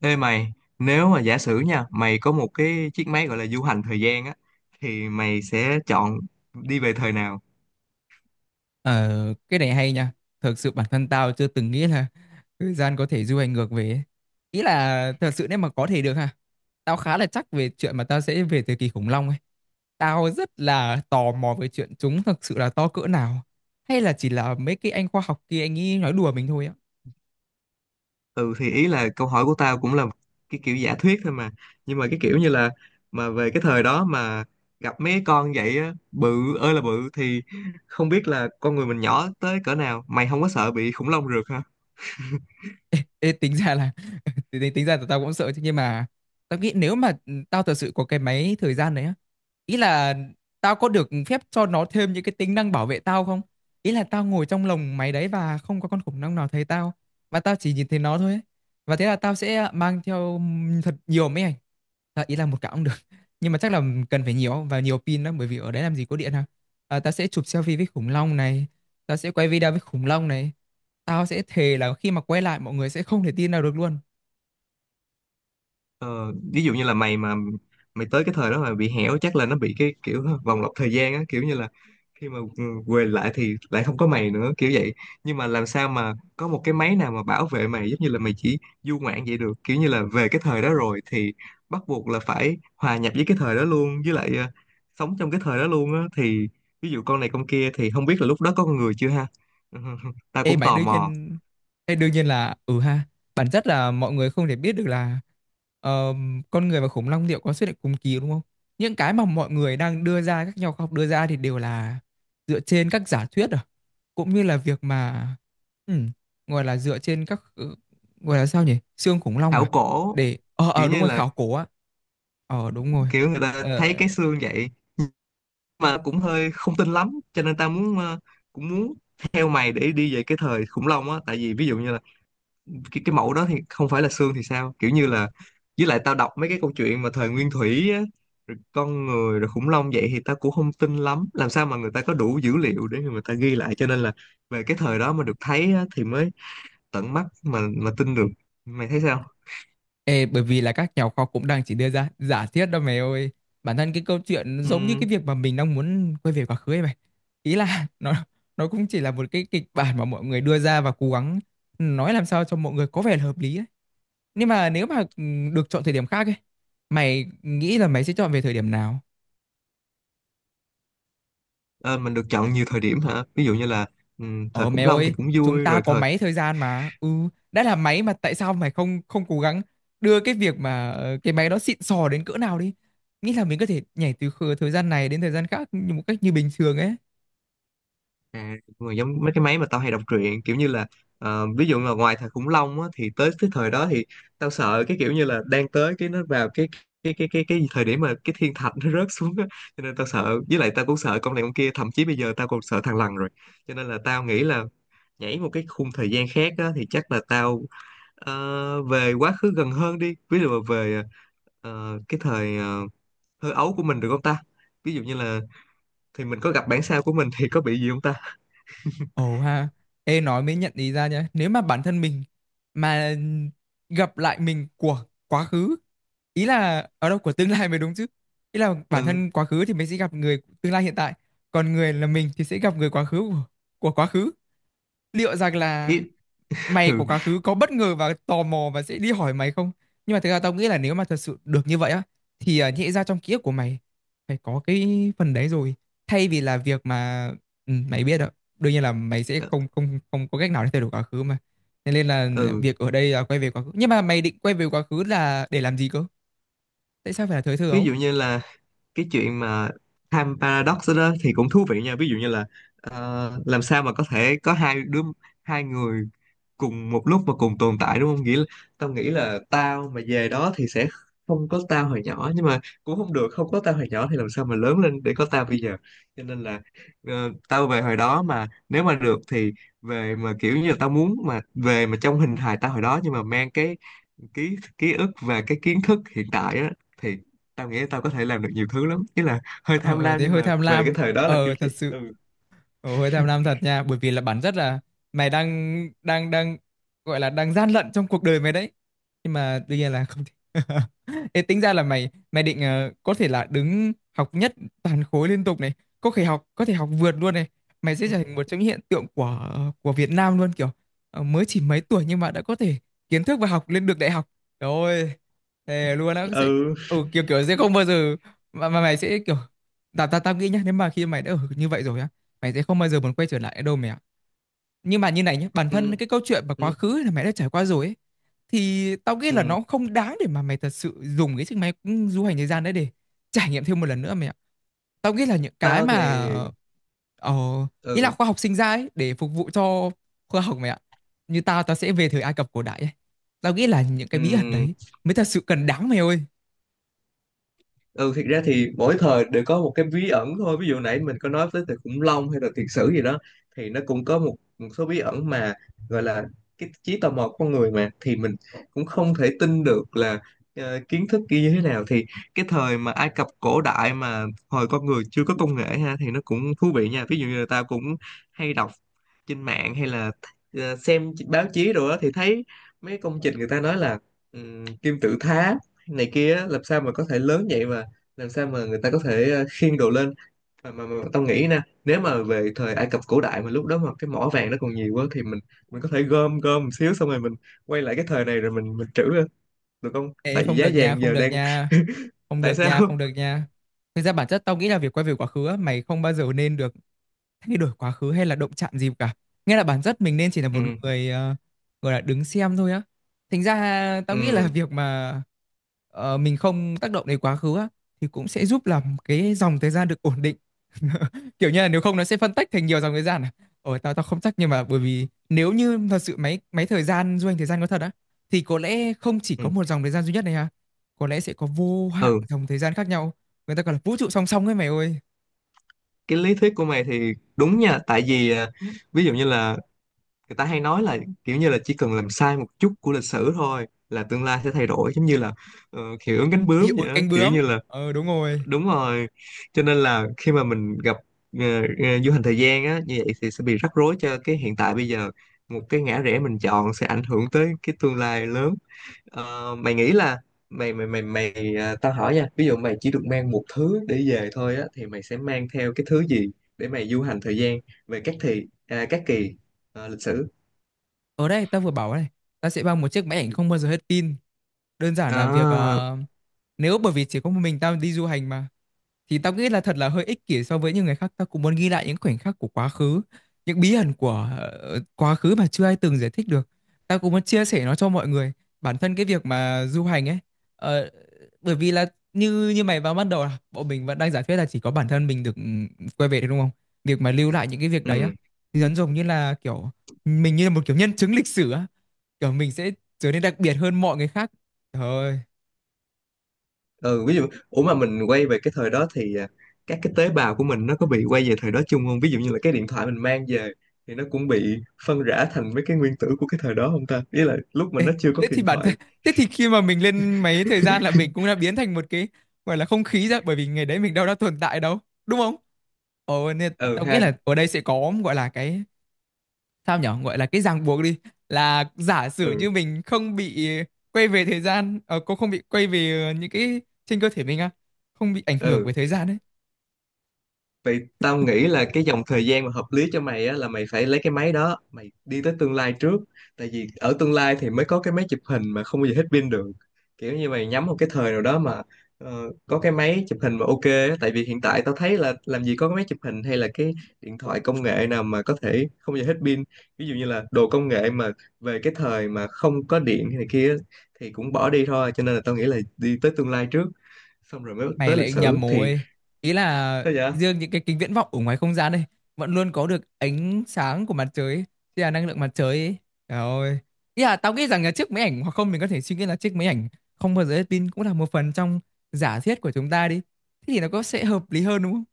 Ê mày, nếu mà giả sử nha, mày có một cái chiếc máy gọi là du hành thời gian á, thì mày sẽ chọn đi về thời nào? Ờ, cái này hay nha. Thật sự bản thân tao chưa từng nghĩ là thời gian có thể du hành ngược về ấy. Ý là thật sự nếu mà có thể được ha. Tao khá là chắc về chuyện mà tao sẽ về thời kỳ khủng long ấy. Tao rất là tò mò về chuyện chúng thật sự là to cỡ nào. Hay là chỉ là mấy cái anh khoa học kia anh ấy nói đùa mình thôi á. Ừ thì ý là câu hỏi của tao cũng là cái kiểu giả thuyết thôi mà. Nhưng mà cái kiểu như là mà về cái thời đó mà gặp mấy cái con vậy á, bự ơi là bự thì không biết là con người mình nhỏ tới cỡ nào. Mày không có sợ bị khủng long rượt hả? Ê, tính ra là tính ra là tao cũng sợ chứ, nhưng mà tao nghĩ nếu mà tao thật sự có cái máy thời gian đấy á, ý là tao có được phép cho nó thêm những cái tính năng bảo vệ tao không, ý là tao ngồi trong lồng máy đấy và không có con khủng long nào thấy tao và tao chỉ nhìn thấy nó thôi ấy. Và thế là tao sẽ mang theo thật nhiều máy ảnh, à, ý là một cặp cũng được nhưng mà chắc là cần phải nhiều và nhiều pin lắm, bởi vì ở đấy làm gì có điện ha. Tao sẽ chụp selfie với khủng long này. Tao sẽ quay video với khủng long này. Tao sẽ thề là khi mà quay lại mọi người sẽ không thể tin nào được luôn. Ờ, ví dụ như là mày tới cái thời đó mà bị hẻo chắc là nó bị cái kiểu vòng lặp thời gian á, kiểu như là khi mà quay lại thì lại không có mày nữa kiểu vậy, nhưng mà làm sao mà có một cái máy nào mà bảo vệ mày giống như là mày chỉ du ngoạn vậy được, kiểu như là về cái thời đó rồi thì bắt buộc là phải hòa nhập với cái thời đó luôn, với lại sống trong cái thời đó luôn á thì ví dụ con này con kia thì không biết là lúc đó có con người chưa ha. Tao Ê cũng mày tò đương mò nhiên Ê, đương nhiên là ừ ha. Bản chất là mọi người không thể biết được là ờ, con người và khủng long liệu có xuất hiện cùng kỳ đúng không? Những cái mà mọi người đang đưa ra, các nhà khoa học đưa ra thì đều là dựa trên các giả thuyết à. Cũng như là việc mà ừ, gọi là dựa trên các gọi là sao nhỉ? Xương khủng long khảo à? cổ, Để kiểu đúng như rồi, là khảo cổ á. Ờ đúng rồi. kiểu người ta Ờ. thấy cái xương vậy mà cũng hơi không tin lắm, cho nên tao muốn cũng muốn theo mày để đi về cái thời khủng long á, tại vì ví dụ như là cái mẫu đó thì không phải là xương thì sao, kiểu như là với lại tao đọc mấy cái câu chuyện mà thời nguyên thủy á, rồi con người rồi khủng long vậy thì tao cũng không tin lắm làm sao mà người ta có đủ dữ liệu để người ta ghi lại, cho nên là về cái thời đó mà được thấy á, thì mới tận mắt mà tin được. Mày thấy sao? Ê, bởi vì là các nhà khoa học cũng đang chỉ đưa ra giả thiết đâu mày ơi. Bản thân cái câu chuyện giống như Ừm, cái việc mà mình đang muốn quay về quá khứ ấy mày. Ý là nó cũng chỉ là một cái kịch bản mà mọi người đưa ra và cố gắng nói làm sao cho mọi người có vẻ là hợp lý ấy. Nhưng mà nếu mà được chọn thời điểm khác ấy, mày nghĩ là mày sẽ chọn về thời điểm nào? ờ, mình được chọn nhiều thời điểm hả? Ví dụ như là thời Ờ mẹ khủng long thì ơi, cũng chúng vui ta rồi, có thời máy thời gian mà. Ừ, đã là máy mà tại sao mày không không cố gắng đưa cái việc mà cái máy đó xịn sò đến cỡ nào đi. Nghĩ là mình có thể nhảy từ thời gian này đến thời gian khác như một cách như bình thường ấy. À, mà giống mấy cái máy mà tao hay đọc truyện, kiểu như là ví dụ là ngoài thời khủng long á, thì tới cái thời đó thì tao sợ cái kiểu như là đang tới cái nó vào cái thời điểm mà cái thiên thạch nó rớt xuống á, cho nên tao sợ, với lại tao cũng sợ con này con kia, thậm chí bây giờ tao còn sợ thằng lằn rồi, cho nên là tao nghĩ là nhảy một cái khung thời gian khác á, thì chắc là tao về quá khứ gần hơn đi, ví dụ là về ờ, cái thời thơ ấu của mình được không ta? Ví dụ như là thì mình có gặp bản sao của mình thì có bị gì không ta? Ồ ha, ê nói mới nhận ý ra nhá. Nếu mà bản thân mình mà gặp lại mình của quá khứ, ý là ở đâu của tương lai mới đúng chứ. Ý là bản Ừ. thân quá khứ thì mình sẽ gặp người của tương lai hiện tại, còn người là mình thì sẽ gặp người quá khứ của quá khứ. Liệu rằng là mày Ừ. của quá khứ có bất ngờ và tò mò và sẽ đi hỏi mày không? Nhưng mà thực ra tao nghĩ là nếu mà thật sự được như vậy á thì à, nhẽ ra trong ký ức của mày phải có cái phần đấy rồi. Thay vì là việc mà mày biết đó, đương nhiên là mày sẽ Ờ, không không không có cách nào để thay đổi quá khứ mà. Thế nên là ừ, việc ở đây là quay về quá khứ. Nhưng mà mày định quay về quá khứ là để làm gì cơ? Tại sao phải là thời thơ ví ấu? dụ như là cái chuyện mà time paradox đó, đó thì cũng thú vị nha. Ví dụ như là làm sao mà có thể có hai người cùng một lúc mà cùng tồn tại đúng không, nghĩa là tao nghĩ là tao mà về đó thì sẽ không có tao hồi nhỏ, nhưng mà cũng không được, không có tao hồi nhỏ thì làm sao mà lớn lên để có tao bây giờ, cho nên là tao về hồi đó mà nếu mà được thì về mà kiểu như là tao muốn mà về mà trong hình hài tao hồi đó, nhưng mà mang cái ký ký ức và cái kiến thức hiện tại á, thì tao nghĩ tao có thể làm được nhiều thứ lắm, ý là hơi Ờ, tham ờ, lam thế nhưng hơi mà tham về lam. cái thời đó là Ờ, kiểu thật gì sự. ừ. Ồ, hơi tham lam thật nha, bởi vì là bản chất là mày đang đang đang gọi là đang gian lận trong cuộc đời mày đấy, nhưng mà tuy nhiên là không thể. Ê, tính ra là mày mày định có thể là đứng học nhất toàn khối liên tục này, có thể học, có thể học vượt luôn này, mày sẽ trở thành một trong những hiện tượng của Việt Nam luôn, kiểu mới chỉ mấy tuổi nhưng mà đã có thể kiến thức và học lên được đại học rồi ơi, thề luôn á, sẽ ừ ừ, kiểu kiểu sẽ không bao giờ mà mày sẽ kiểu tao tao tao nghĩ nhá, nếu mà khi mày đã ở như vậy rồi á, mày sẽ không bao giờ muốn quay trở lại đâu mẹ ạ. Nhưng mà như này nhé, bản ừ thân cái câu chuyện và quá ừ khứ là mày đã trải qua rồi ấy, thì tao nghĩ là Ừ. nó không đáng để mà mày thật sự dùng cái chiếc máy du hành thời gian đấy để trải nghiệm thêm một lần nữa mẹ ạ. Tao nghĩ là những cái Tao mà thì ờ, ý là ừ khoa học sinh ra ấy để phục vụ cho khoa học mẹ ạ, như tao, tao sẽ về thời Ai Cập cổ đại ấy, tao nghĩ là những cái bí ẩn ừ đấy mới thật sự cần đáng mày ơi. ừ thiệt ra thì mỗi thời đều có một cái bí ẩn thôi. Ví dụ nãy mình có nói tới từ khủng long hay là thiệt sử gì đó thì nó cũng có một số bí ẩn mà gọi là cái trí tò mò của con người mà, thì mình cũng không thể tin được là kiến thức kia như thế nào, thì cái thời mà Ai Cập cổ đại mà hồi con người chưa có công nghệ ha thì nó cũng thú vị nha. Ví dụ như là tao cũng hay đọc trên mạng hay là xem báo chí rồi đó thì thấy mấy công trình người ta nói là kim tự tháp này kia á, làm sao mà có thể lớn vậy mà làm sao mà người ta có thể khiêng đồ lên mà tao nghĩ nè, nếu mà về thời Ai Cập cổ đại mà lúc đó mà cái mỏ vàng nó còn nhiều quá thì mình có thể gom gom một xíu xong rồi mình quay lại cái thời này rồi mình trữ lên được không, Ê, tại vì không giá được nha, vàng không giờ được đang nha, không tại được sao nha, không được nha. Thực ra bản chất tao nghĩ là việc quay về quá khứ á, mày không bao giờ nên được thay đổi quá khứ hay là động chạm gì cả. Nghĩa là bản chất mình nên chỉ là một ừ. người gọi là đứng xem thôi á. Thành ra tao nghĩ là ừ việc mà mình không tác động đến quá khứ á, thì cũng sẽ giúp làm cái dòng thời gian được ổn định. Kiểu như là nếu không nó sẽ phân tách thành nhiều dòng thời gian à. Ồ, tao tao không chắc, nhưng mà bởi vì nếu như thật sự máy máy thời gian, du hành thời gian có thật á, thì có lẽ không chỉ có ừ một dòng thời gian duy nhất này ha, có lẽ sẽ có vô hạn ừ, dòng thời gian khác nhau, người ta gọi là vũ trụ song song ấy mày ơi. cái lý thuyết của mày thì đúng nha, tại vì à, ví dụ như là người ta hay nói là kiểu như là chỉ cần làm sai một chút của lịch sử thôi là tương lai sẽ thay đổi, giống như là hiệu ứng cánh Hiệu bướm vậy ứng đó, cánh kiểu bướm, như là ờ đúng rồi. đúng rồi cho nên là khi mà mình gặp ờ, du hành thời gian á như vậy thì sẽ bị rắc rối cho cái hiện tại bây giờ, một cái ngã rẽ mình chọn sẽ ảnh hưởng tới cái tương lai lớn. Ờ, mày nghĩ là mày mày mày mày à, tao hỏi nha, ví dụ mày chỉ được mang một thứ để về thôi á thì mày sẽ mang theo cái thứ gì để mày du hành thời gian về các thì à, các kỳ à, lịch sử? Ở đây tao vừa bảo này, ta sẽ mang một chiếc máy ảnh không bao giờ hết pin. Đơn giản là việc À, nếu bởi vì chỉ có một mình tao đi du hành mà, thì tao nghĩ là thật là hơi ích kỷ so với những người khác. Tao cũng muốn ghi lại những khoảnh khắc của quá khứ, những bí ẩn của quá khứ mà chưa ai từng giải thích được, tao cũng muốn chia sẻ nó cho mọi người. Bản thân cái việc mà du hành ấy, ờ, bởi vì là như như mày vào ban đầu là bọn mình vẫn đang giả thuyết là chỉ có bản thân mình được ừ, quay về thôi đúng không, việc mà lưu lại những cái việc đấy á, ừ. thì dần dần như là kiểu mình như là một kiểu nhân chứng lịch sử á, kiểu mình sẽ trở nên đặc biệt hơn mọi người khác. Trời ơi. Ừ, ví dụ ủa mà mình quay về cái thời đó thì à, các cái tế bào của mình nó có bị quay về thời đó chung không? Ví dụ như là cái điện thoại mình mang về thì nó cũng bị phân rã thành mấy cái nguyên tử của cái thời đó không ta, ý là lúc mà Ê, nó chưa có thế thì điện bản thoại. thân, thế thì khi mà mình lên mấy thời gian là mình cũng đã biến thành một cái gọi là không khí ra, bởi vì ngày đấy mình đâu đã tồn tại đâu đúng không. Ồ nên Ừ tao nghĩ ha. là ở đây sẽ có gọi là cái sao nhở, gọi là cái ràng buộc đi, là giả sử ừ như mình không bị quay về thời gian, cô không bị quay về những cái trên cơ thể mình á, không bị ảnh hưởng bởi ừ. thời gian ấy. Vậy tao nghĩ là cái dòng thời gian mà hợp lý cho mày á là mày phải lấy cái máy đó, mày đi tới tương lai trước. Tại vì ở tương lai thì mới có cái máy chụp hình mà không bao giờ hết pin được. Kiểu như mày nhắm một cái thời nào đó mà ờ, có cái máy chụp hình mà ok á. Tại vì hiện tại tao thấy là làm gì có cái máy chụp hình hay là cái điện thoại công nghệ nào mà có thể không bao giờ hết pin. Ví dụ như là đồ công nghệ mà về cái thời mà không có điện hay này kia á, thì cũng bỏ đi thôi. Cho nên là tao nghĩ là đi tới tương lai trước xong rồi mới Mày tới lịch lại sử nhầm thì rồi. Ý là sao vậy? riêng những cái kính viễn vọng ở ngoài không gian đây vẫn luôn có được ánh sáng của mặt trời ấy, tức là năng lượng mặt trời ấy. Trời ơi. Ý là tao nghĩ rằng là chiếc máy ảnh, hoặc không, mình có thể suy nghĩ là chiếc máy ảnh không bao giờ hết pin cũng là một phần trong giả thiết của chúng ta đi. Thế thì nó có sẽ hợp lý hơn đúng không?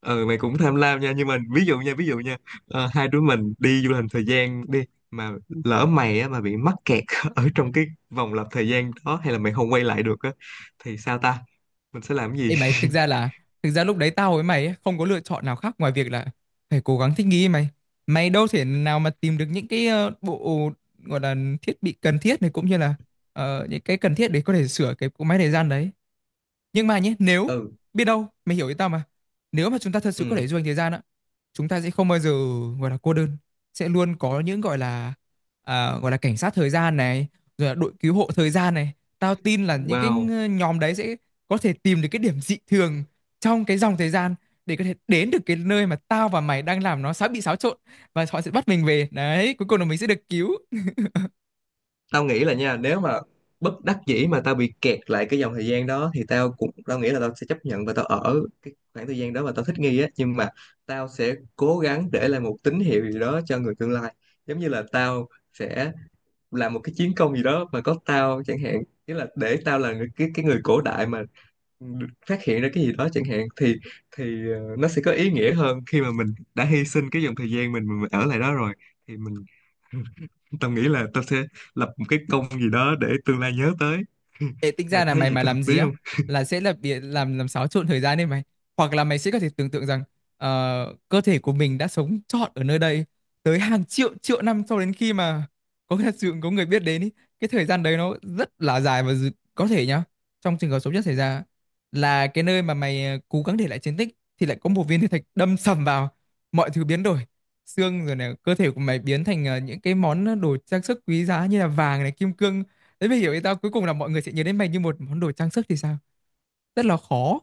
Ừ, mày cũng tham lam nha, nhưng mà ví dụ nha, ờ, hai đứa mình đi du lịch thời gian đi mà lỡ mày á mà bị mắc kẹt ở trong cái vòng lặp thời gian đó hay là mày không quay lại được á thì sao ta, mình sẽ làm cái gì? Ê mày, thực ra là, thực ra lúc đấy tao với mày ấy, không có lựa chọn nào khác ngoài việc là phải cố gắng thích nghi mày. Mày đâu thể nào mà tìm được những cái bộ gọi là thiết bị cần thiết này, cũng như là những cái cần thiết để có thể sửa cái cỗ máy thời gian đấy. Nhưng mà nhé, nếu Ừ. biết đâu, mày hiểu ý tao mà. Nếu mà chúng ta thật sự có Ừ. thể du hành thời gian á, chúng ta sẽ không bao giờ gọi là cô đơn, sẽ luôn có những gọi là gọi là cảnh sát thời gian này, rồi là đội cứu hộ thời gian này. Tao tin là những cái Wow, nhóm đấy sẽ có thể tìm được cái điểm dị thường trong cái dòng thời gian để có thể đến được cái nơi mà tao và mày đang làm nó sắp bị xáo trộn, và họ sẽ bắt mình về. Đấy, cuối cùng là mình sẽ được cứu. tao nghĩ là nha nếu mà bất đắc dĩ mà tao bị kẹt lại cái dòng thời gian đó thì tao nghĩ là tao sẽ chấp nhận và tao ở cái khoảng thời gian đó mà tao thích nghi á, nhưng mà tao sẽ cố gắng để lại một tín hiệu gì đó cho người tương lai, giống như là tao sẽ làm một cái chiến công gì đó mà có tao chẳng hạn, nghĩa là để tao là người, cái người cổ đại mà được phát hiện ra cái gì đó chẳng hạn thì nó sẽ có ý nghĩa hơn khi mà mình đã hy sinh cái dòng thời gian mình ở lại đó rồi thì mình tao nghĩ là tao sẽ lập một cái công gì đó để tương lai nhớ tới. Ê, tính Mày ra là thấy mày vậy mà có hợp làm lý gì á không? là sẽ là bị làm xáo trộn thời gian đấy mày, hoặc là mày sẽ có thể tưởng tượng rằng cơ thể của mình đã sống trọn ở nơi đây tới hàng triệu triệu năm cho đến khi mà có thật sự có người biết đến ý. Cái thời gian đấy nó rất là dài và có thể nhá, trong trường hợp xấu nhất xảy ra là cái nơi mà mày cố gắng để lại chiến tích thì lại có một viên thiên thạch đâm sầm vào, mọi thứ biến đổi, xương rồi này, cơ thể của mày biến thành những cái món đồ trang sức quý giá như là vàng này, kim cương. Thế mới hiểu ý tao, cuối cùng là mọi người sẽ nhớ đến mày như một món đồ trang sức thì sao? Rất là khó.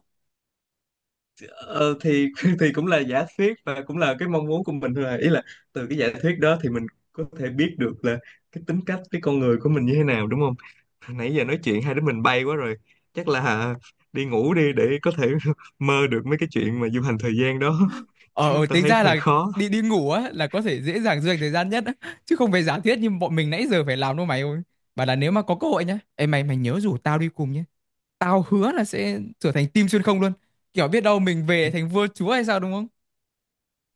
Ờ, thì thì cũng là giả thuyết và cũng là cái mong muốn của mình thôi à. Ý là từ cái giả thuyết đó thì mình có thể biết được là cái tính cách cái con người của mình như thế nào đúng không? Nãy giờ nói chuyện hai đứa mình bay quá rồi. Chắc là đi ngủ đi để có thể mơ được mấy cái chuyện mà du hành thời gian đó chứ Ờ, tao tính thấy ra là hơi khó. đi đi ngủ á là có thể dễ dàng dành thời gian nhất á, chứ không phải giả thiết như bọn mình nãy giờ phải làm đâu mày ơi. Bảo là nếu mà có cơ hội nhá, ê mày, mày nhớ rủ tao đi cùng nhé. Tao hứa là sẽ trở thành team xuyên không luôn. Kiểu biết đâu mình về thành vua chúa hay sao đúng không?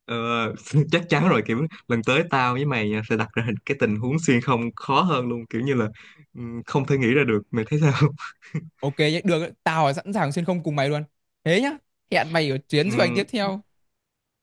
Ờ, chắc chắn rồi, kiểu lần tới tao với mày nha, sẽ đặt ra cái tình huống xuyên không khó hơn luôn, kiểu như là ừ, không thể nghĩ ra được. Mày thấy sao? Ok nhé, được, ấy, tao sẵn sàng xuyên không cùng mày luôn. Thế nhá, hẹn mày ở chuyến du hành tiếp Ừ, theo.